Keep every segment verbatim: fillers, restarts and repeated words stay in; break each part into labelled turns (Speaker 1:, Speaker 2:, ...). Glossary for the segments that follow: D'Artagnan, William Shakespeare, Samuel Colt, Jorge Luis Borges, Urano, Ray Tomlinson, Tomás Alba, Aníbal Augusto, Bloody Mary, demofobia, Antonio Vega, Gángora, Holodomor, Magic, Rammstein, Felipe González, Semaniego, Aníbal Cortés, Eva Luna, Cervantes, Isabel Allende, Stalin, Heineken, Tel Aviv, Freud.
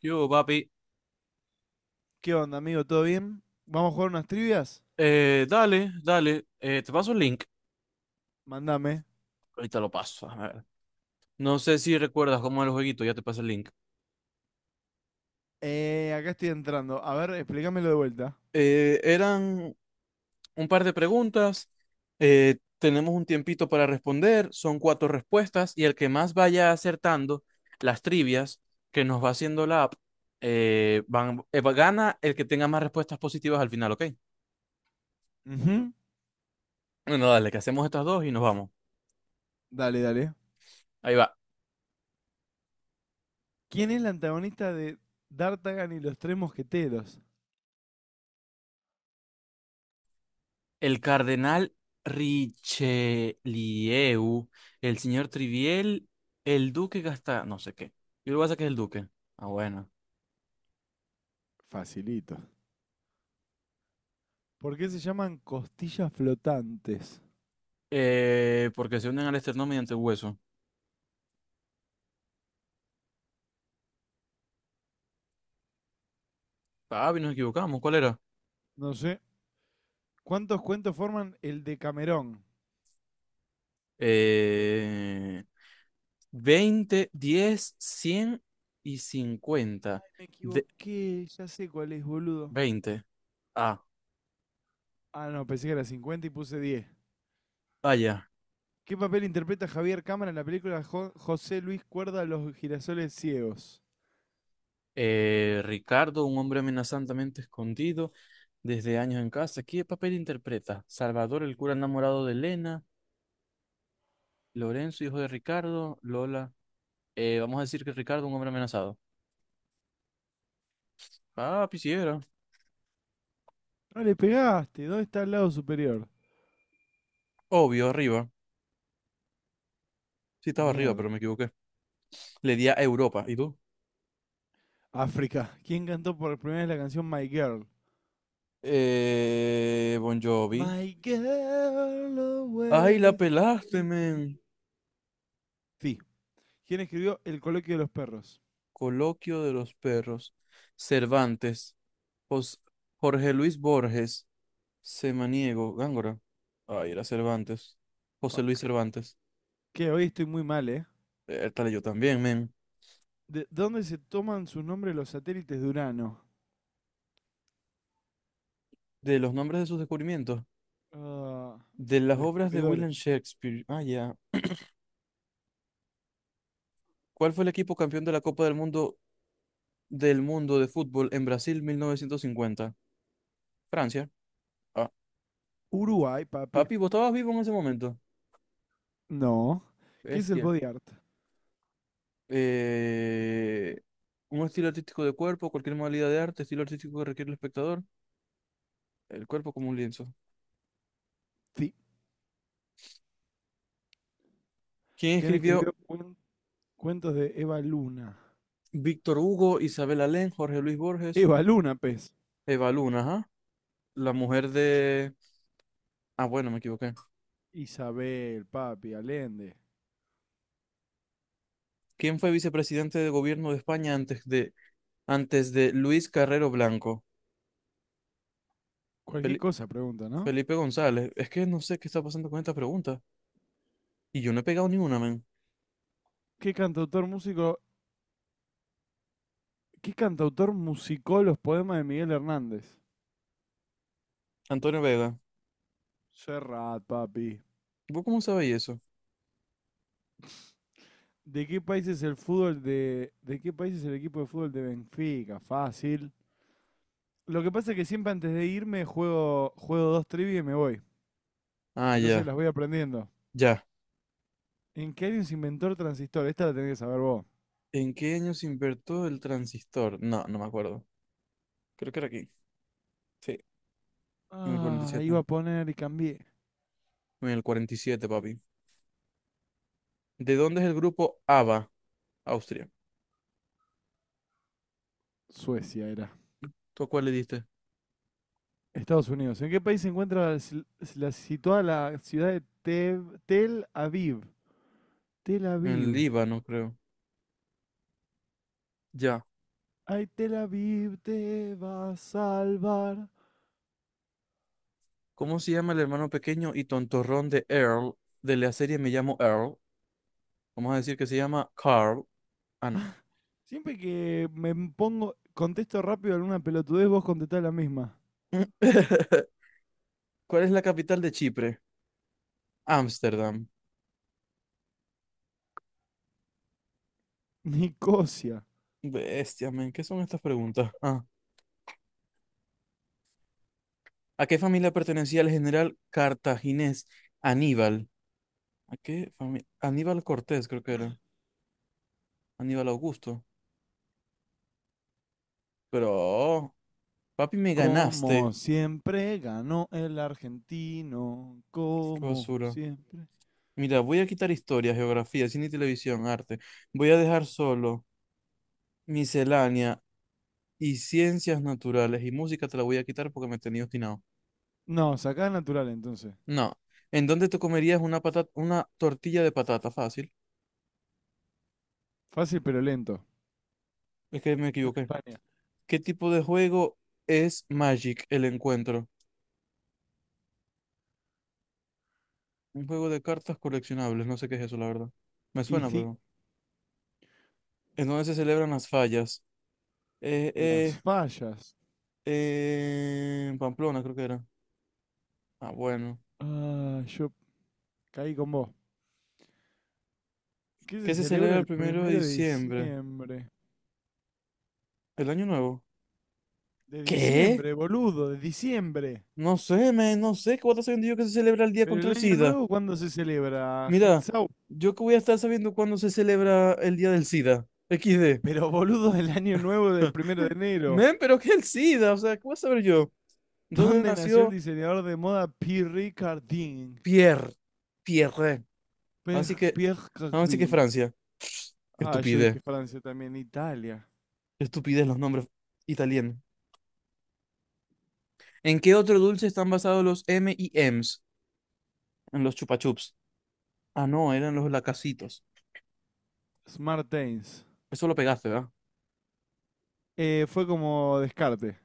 Speaker 1: Yo, papi,
Speaker 2: ¿Qué onda, amigo? ¿Todo bien? ¿Vamos a jugar unas trivias?
Speaker 1: eh, dale, dale, eh, te paso el link,
Speaker 2: Mandame.
Speaker 1: ahorita lo paso, a ver. No sé si recuerdas cómo era el jueguito, ya te paso el link.
Speaker 2: Eh, acá estoy entrando. A ver, explícamelo de vuelta.
Speaker 1: Eh, eran un par de preguntas, eh, tenemos un tiempito para responder, son cuatro respuestas y el que más vaya acertando las trivias que nos va haciendo la app, eh, van, eh, va- gana el que tenga más respuestas positivas al final, ¿ok?
Speaker 2: Ujú.
Speaker 1: Bueno, dale, que hacemos estas dos y nos vamos.
Speaker 2: Dale, dale.
Speaker 1: Ahí va.
Speaker 2: ¿Quién es la antagonista de D'Artagnan y los tres mosqueteros?
Speaker 1: El cardenal Richelieu, el señor Triviel, el duque gasta no sé qué. Yo lo voy a sacar el duque. Ah, bueno.
Speaker 2: Facilito. ¿Por qué se llaman costillas flotantes?
Speaker 1: Eh, porque se unen al esternón mediante el hueso. Ah, bien, nos equivocamos. ¿Cuál era?
Speaker 2: No sé. ¿Cuántos cuentos forman el de Camerón?
Speaker 1: Eh, veinte, diez, cien y cincuenta.
Speaker 2: Me
Speaker 1: De
Speaker 2: equivoqué, ya sé cuál es, boludo.
Speaker 1: veinte. Ah,
Speaker 2: Ah, no, pensé que era cincuenta y puse diez.
Speaker 1: vaya.
Speaker 2: ¿Qué papel interpreta Javier Cámara en la película Jo- José Luis Cuerda Los girasoles ciegos?
Speaker 1: Eh, Ricardo, un hombre amenazantemente escondido desde años en casa. ¿Qué papel interpreta? Salvador, el cura enamorado de Elena. Lorenzo, hijo de Ricardo. Lola. Eh, vamos a decir que Ricardo, un hombre amenazado. Ah, quisiera.
Speaker 2: No le pegaste. ¿Dónde está el lado superior?
Speaker 1: Obvio, arriba. Sí, estaba arriba,
Speaker 2: Mierda.
Speaker 1: pero me equivoqué. Le di a Europa. ¿Y tú?
Speaker 2: África. ¿Quién cantó por primera vez la canción My Girl?
Speaker 1: Eh, Bon Jovi.
Speaker 2: My girl
Speaker 1: Ay, la
Speaker 2: always for
Speaker 1: pelaste,
Speaker 2: me.
Speaker 1: men.
Speaker 2: Sí. ¿Quién escribió El coloquio de los perros?
Speaker 1: Coloquio de los perros. Cervantes. Jos- Jorge Luis Borges. Semaniego, Gángora. Ay, era Cervantes. José Luis
Speaker 2: Fuck.
Speaker 1: Cervantes.
Speaker 2: Que hoy estoy muy mal, ¿eh?
Speaker 1: Eh, Tal yo también, men.
Speaker 2: ¿De dónde se toman sus nombres los satélites de Urano?
Speaker 1: De los nombres de sus descubrimientos.
Speaker 2: Ah,
Speaker 1: De las obras de
Speaker 2: descubridores.
Speaker 1: William Shakespeare. Ah, ya. ¿Cuál fue el equipo campeón de la Copa del Mundo del Mundo de Fútbol en Brasil mil novecientos cincuenta? Francia. Ah,
Speaker 2: Uruguay, papi.
Speaker 1: papi, ¿vos estabas vivo en ese momento?
Speaker 2: No. ¿Qué es el
Speaker 1: Bestia.
Speaker 2: body art?
Speaker 1: Eh, un estilo artístico de cuerpo, cualquier modalidad de arte, estilo artístico que requiere el espectador, el cuerpo como un lienzo.
Speaker 2: Sí.
Speaker 1: ¿Quién
Speaker 2: ¿Quién
Speaker 1: escribió
Speaker 2: escribió cuen- cuentos de Eva Luna?
Speaker 1: Víctor Hugo, Isabel Allende, Jorge Luis Borges,
Speaker 2: Eva Luna, pez.
Speaker 1: Eva Luna, ajá, la mujer de. Ah, bueno, me equivoqué.
Speaker 2: Isabel, Papi, Allende.
Speaker 1: ¿Quién fue vicepresidente de gobierno de España antes de, antes de Luis Carrero Blanco?
Speaker 2: Cualquier
Speaker 1: Fel-
Speaker 2: cosa pregunta, ¿no?
Speaker 1: Felipe González. Es que no sé qué está pasando con esta pregunta. Y yo no he pegado ni una, men.
Speaker 2: ¿Qué cantautor músico, ¿qué cantautor musicó los poemas de Miguel Hernández?
Speaker 1: Antonio Vega.
Speaker 2: Serrat, papi.
Speaker 1: ¿Vos cómo sabéis eso?
Speaker 2: ¿De qué país es el fútbol de, de qué país es el equipo de fútbol de Benfica? Fácil. Lo que pasa es que siempre antes de irme juego, juego dos trivias y me voy.
Speaker 1: Ah,
Speaker 2: Entonces
Speaker 1: ya,
Speaker 2: las voy aprendiendo.
Speaker 1: ya.
Speaker 2: ¿En qué año se inventó el transistor? Esta la tenés que saber vos.
Speaker 1: ¿En qué año se inventó el transistor? No, no me acuerdo. Creo que era aquí. Sí, en el
Speaker 2: Ah, iba
Speaker 1: cuarenta y siete.
Speaker 2: a poner y cambié.
Speaker 1: En el cuarenta y siete, papi. ¿De dónde es el grupo ABBA? Austria.
Speaker 2: Suecia era.
Speaker 1: ¿Tú a cuál le diste?
Speaker 2: Estados Unidos. ¿En qué país se encuentra la, sil- la situada la ciudad de Te- Tel Aviv? Tel
Speaker 1: En el
Speaker 2: Aviv.
Speaker 1: Líbano, creo. Ya.
Speaker 2: Ay, Tel Aviv te va a salvar.
Speaker 1: ¿Cómo se llama el hermano pequeño y tontorrón de Earl de la serie Me llamo Earl? Vamos a decir que se llama Carl. Ah, no.
Speaker 2: Siempre que me pongo, contesto rápido alguna pelotudez, vos contestás la misma.
Speaker 1: ¿Cuál es la capital de Chipre? Ámsterdam.
Speaker 2: Nicosia.
Speaker 1: Bestia, men, ¿qué son estas preguntas? Ah, ¿a qué familia pertenecía el general cartaginés Aníbal? ¿A qué familia? Aníbal Cortés, creo que era. Aníbal Augusto. Pero, oh, papi, me
Speaker 2: Como
Speaker 1: ganaste.
Speaker 2: siempre ganó el argentino.
Speaker 1: Qué
Speaker 2: Como
Speaker 1: basura.
Speaker 2: siempre.
Speaker 1: Mira, voy a quitar historia, geografía, cine y televisión, arte. Voy a dejar solo miscelánea, y ciencias naturales y música te la voy a quitar porque me tenía obstinado.
Speaker 2: No, sacá natural entonces.
Speaker 1: No. ¿En dónde te comerías una patata, una tortilla de patata? Fácil.
Speaker 2: Fácil pero lento.
Speaker 1: Es que me equivoqué.
Speaker 2: España.
Speaker 1: ¿Qué tipo de juego es Magic, el encuentro? Un juego de cartas coleccionables. No sé qué es eso, la verdad. Me
Speaker 2: Y
Speaker 1: suena,
Speaker 2: sí,
Speaker 1: pero. ¿En dónde se celebran las fallas? Eh, eh,
Speaker 2: las fallas.
Speaker 1: eh, en Pamplona, creo que era. Ah, bueno.
Speaker 2: Ah, yo caí con vos. ¿Qué se
Speaker 1: ¿Qué se
Speaker 2: celebra
Speaker 1: celebra el
Speaker 2: el
Speaker 1: primero de
Speaker 2: primero de
Speaker 1: diciembre?
Speaker 2: diciembre?
Speaker 1: El año nuevo.
Speaker 2: De
Speaker 1: ¿Qué?
Speaker 2: diciembre, boludo, de diciembre.
Speaker 1: No sé, me, no sé. ¿Qué voy a estar sabiendo yo que se celebra el día
Speaker 2: Pero
Speaker 1: contra
Speaker 2: el
Speaker 1: el
Speaker 2: año
Speaker 1: SIDA?
Speaker 2: nuevo, ¿cuándo se celebra?
Speaker 1: Mira,
Speaker 2: Hexau.
Speaker 1: yo que voy a estar sabiendo cuándo se celebra el Día del SIDA. equis de.
Speaker 2: Pero boludo, el año nuevo del primero de enero.
Speaker 1: Men, pero ¿qué es el SIDA? O sea, ¿qué voy a saber yo? ¿Dónde
Speaker 2: ¿Dónde nació el
Speaker 1: nació
Speaker 2: diseñador de moda Pierre Cardin?
Speaker 1: Pierre? Pierre. Así
Speaker 2: Per-
Speaker 1: que,
Speaker 2: Pierre
Speaker 1: Así que
Speaker 2: Cardin.
Speaker 1: Francia. Qué
Speaker 2: Ah, yo
Speaker 1: estupidez.
Speaker 2: dije Francia también. Italia.
Speaker 1: Qué estupidez los nombres italianos. ¿En qué otro dulce están basados los M y M's? En los chupachups. Ah, no, eran los lacasitos.
Speaker 2: Smartains.
Speaker 1: Eso lo pegaste, ¿verdad?
Speaker 2: Eh, fue como descarte.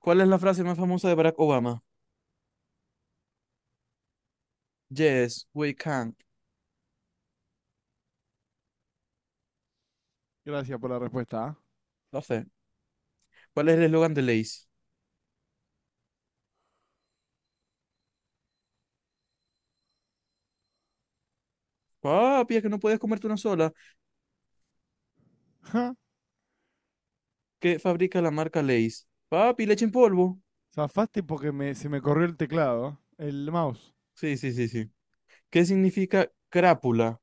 Speaker 1: ¿Cuál es la frase más famosa de Barack Obama? Yes, we can.
Speaker 2: Gracias por la respuesta. ¿Ah?
Speaker 1: No sé. ¿Cuál es el eslogan de Lay's? Papi, es que no puedes comerte una sola.
Speaker 2: Ja.
Speaker 1: ¿Qué fabrica la marca Lay's? Papi, leche en polvo.
Speaker 2: Zafaste porque me- se me corrió el teclado, el mouse.
Speaker 1: Sí, sí, sí, sí. ¿Qué significa crápula?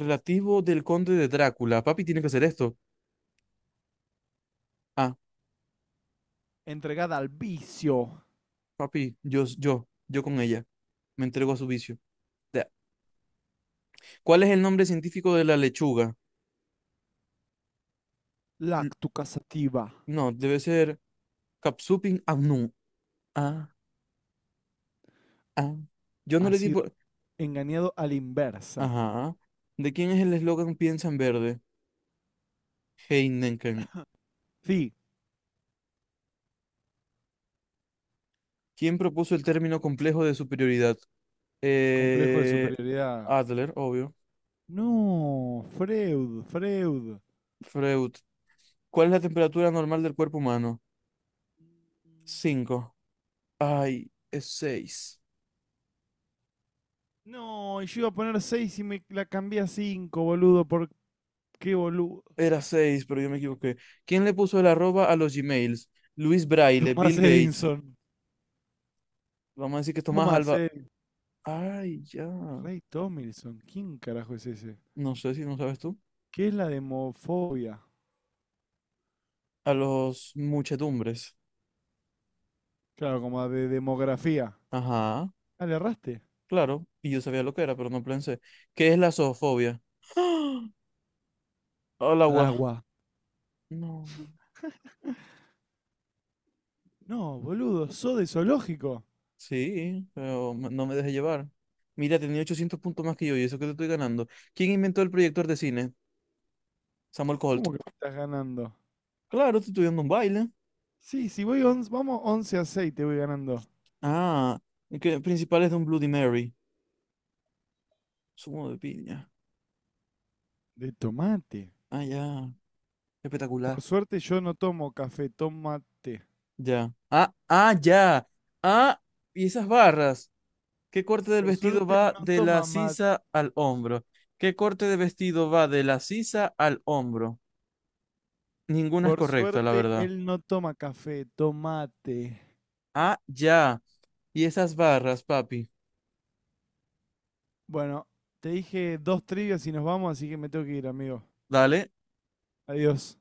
Speaker 1: Relativo del conde de Drácula. Papi, tiene que hacer esto. Ah,
Speaker 2: Entregada al vicio.
Speaker 1: papi, yo, yo, yo con ella. Me entrego a su vicio. Ya. ¿Cuál es el nombre científico de la lechuga? L-
Speaker 2: Lactucasativa
Speaker 1: No, debe ser Capsupin annuum. Ah, ah. Yo no
Speaker 2: ha
Speaker 1: le di
Speaker 2: sido
Speaker 1: por...
Speaker 2: engañado a la inversa.
Speaker 1: Ajá. ¿De quién es el eslogan Piensa en verde? Heineken.
Speaker 2: Sí.
Speaker 1: ¿Quién propuso el término complejo de superioridad?
Speaker 2: Complejo de
Speaker 1: Eh,
Speaker 2: superioridad.
Speaker 1: Adler, obvio.
Speaker 2: No, Freud, Freud.
Speaker 1: Freud. ¿Cuál es la temperatura normal del cuerpo humano? Cinco. Ay, es seis.
Speaker 2: No, yo iba a poner seis y me la cambié a cinco, boludo, por qué boludo.
Speaker 1: Era seis pero yo me equivoqué. ¿Quién le puso el arroba a los Gmails? Luis Braille, Bill
Speaker 2: Tomás
Speaker 1: Gates.
Speaker 2: Edison.
Speaker 1: Vamos a decir que Tomás
Speaker 2: Tomás,
Speaker 1: Alba.
Speaker 2: eh,
Speaker 1: Ay, ya.
Speaker 2: Ray Tomlinson, ¿quién carajo es ese?
Speaker 1: No sé si no sabes tú.
Speaker 2: ¿Qué es la demofobia?
Speaker 1: A los muchedumbres.
Speaker 2: Claro, como de demografía.
Speaker 1: Ajá,
Speaker 2: Ah, le erraste.
Speaker 1: claro. Y yo sabía lo que era, pero no pensé. ¿Qué es la zoofobia? ¡Ah! Al
Speaker 2: Al
Speaker 1: agua.
Speaker 2: agua.
Speaker 1: No.
Speaker 2: No, boludo, sos de zoológico.
Speaker 1: Sí, pero m- no me dejé llevar. Mira, tenía ochocientos puntos más que yo y eso que te estoy ganando. ¿Quién inventó el proyector de cine? Samuel Colt.
Speaker 2: ¿Cómo que me estás ganando?
Speaker 1: Claro, te estoy dando un baile.
Speaker 2: Sí, si voy once- vamos once a seis, te voy ganando.
Speaker 1: Ah, que principal es de un Bloody Mary. Zumo de piña.
Speaker 2: De tomate.
Speaker 1: Ah, ya.
Speaker 2: Por
Speaker 1: Espectacular.
Speaker 2: suerte yo no tomo café, toma té.
Speaker 1: Ya. Ah, ah, ya. Ah, y esas barras. ¿Qué corte del
Speaker 2: Por
Speaker 1: vestido
Speaker 2: suerte él
Speaker 1: va
Speaker 2: no
Speaker 1: de la
Speaker 2: toma mate.
Speaker 1: sisa al hombro? ¿Qué corte de vestido va de la sisa al hombro? Ninguna es
Speaker 2: Por
Speaker 1: correcta, la
Speaker 2: suerte
Speaker 1: verdad.
Speaker 2: él no toma café, tomate.
Speaker 1: Ah, ya. Y esas barras, papi.
Speaker 2: Bueno, te dije dos trivias y nos vamos, así que me tengo que ir, amigo.
Speaker 1: Dale,
Speaker 2: Adiós.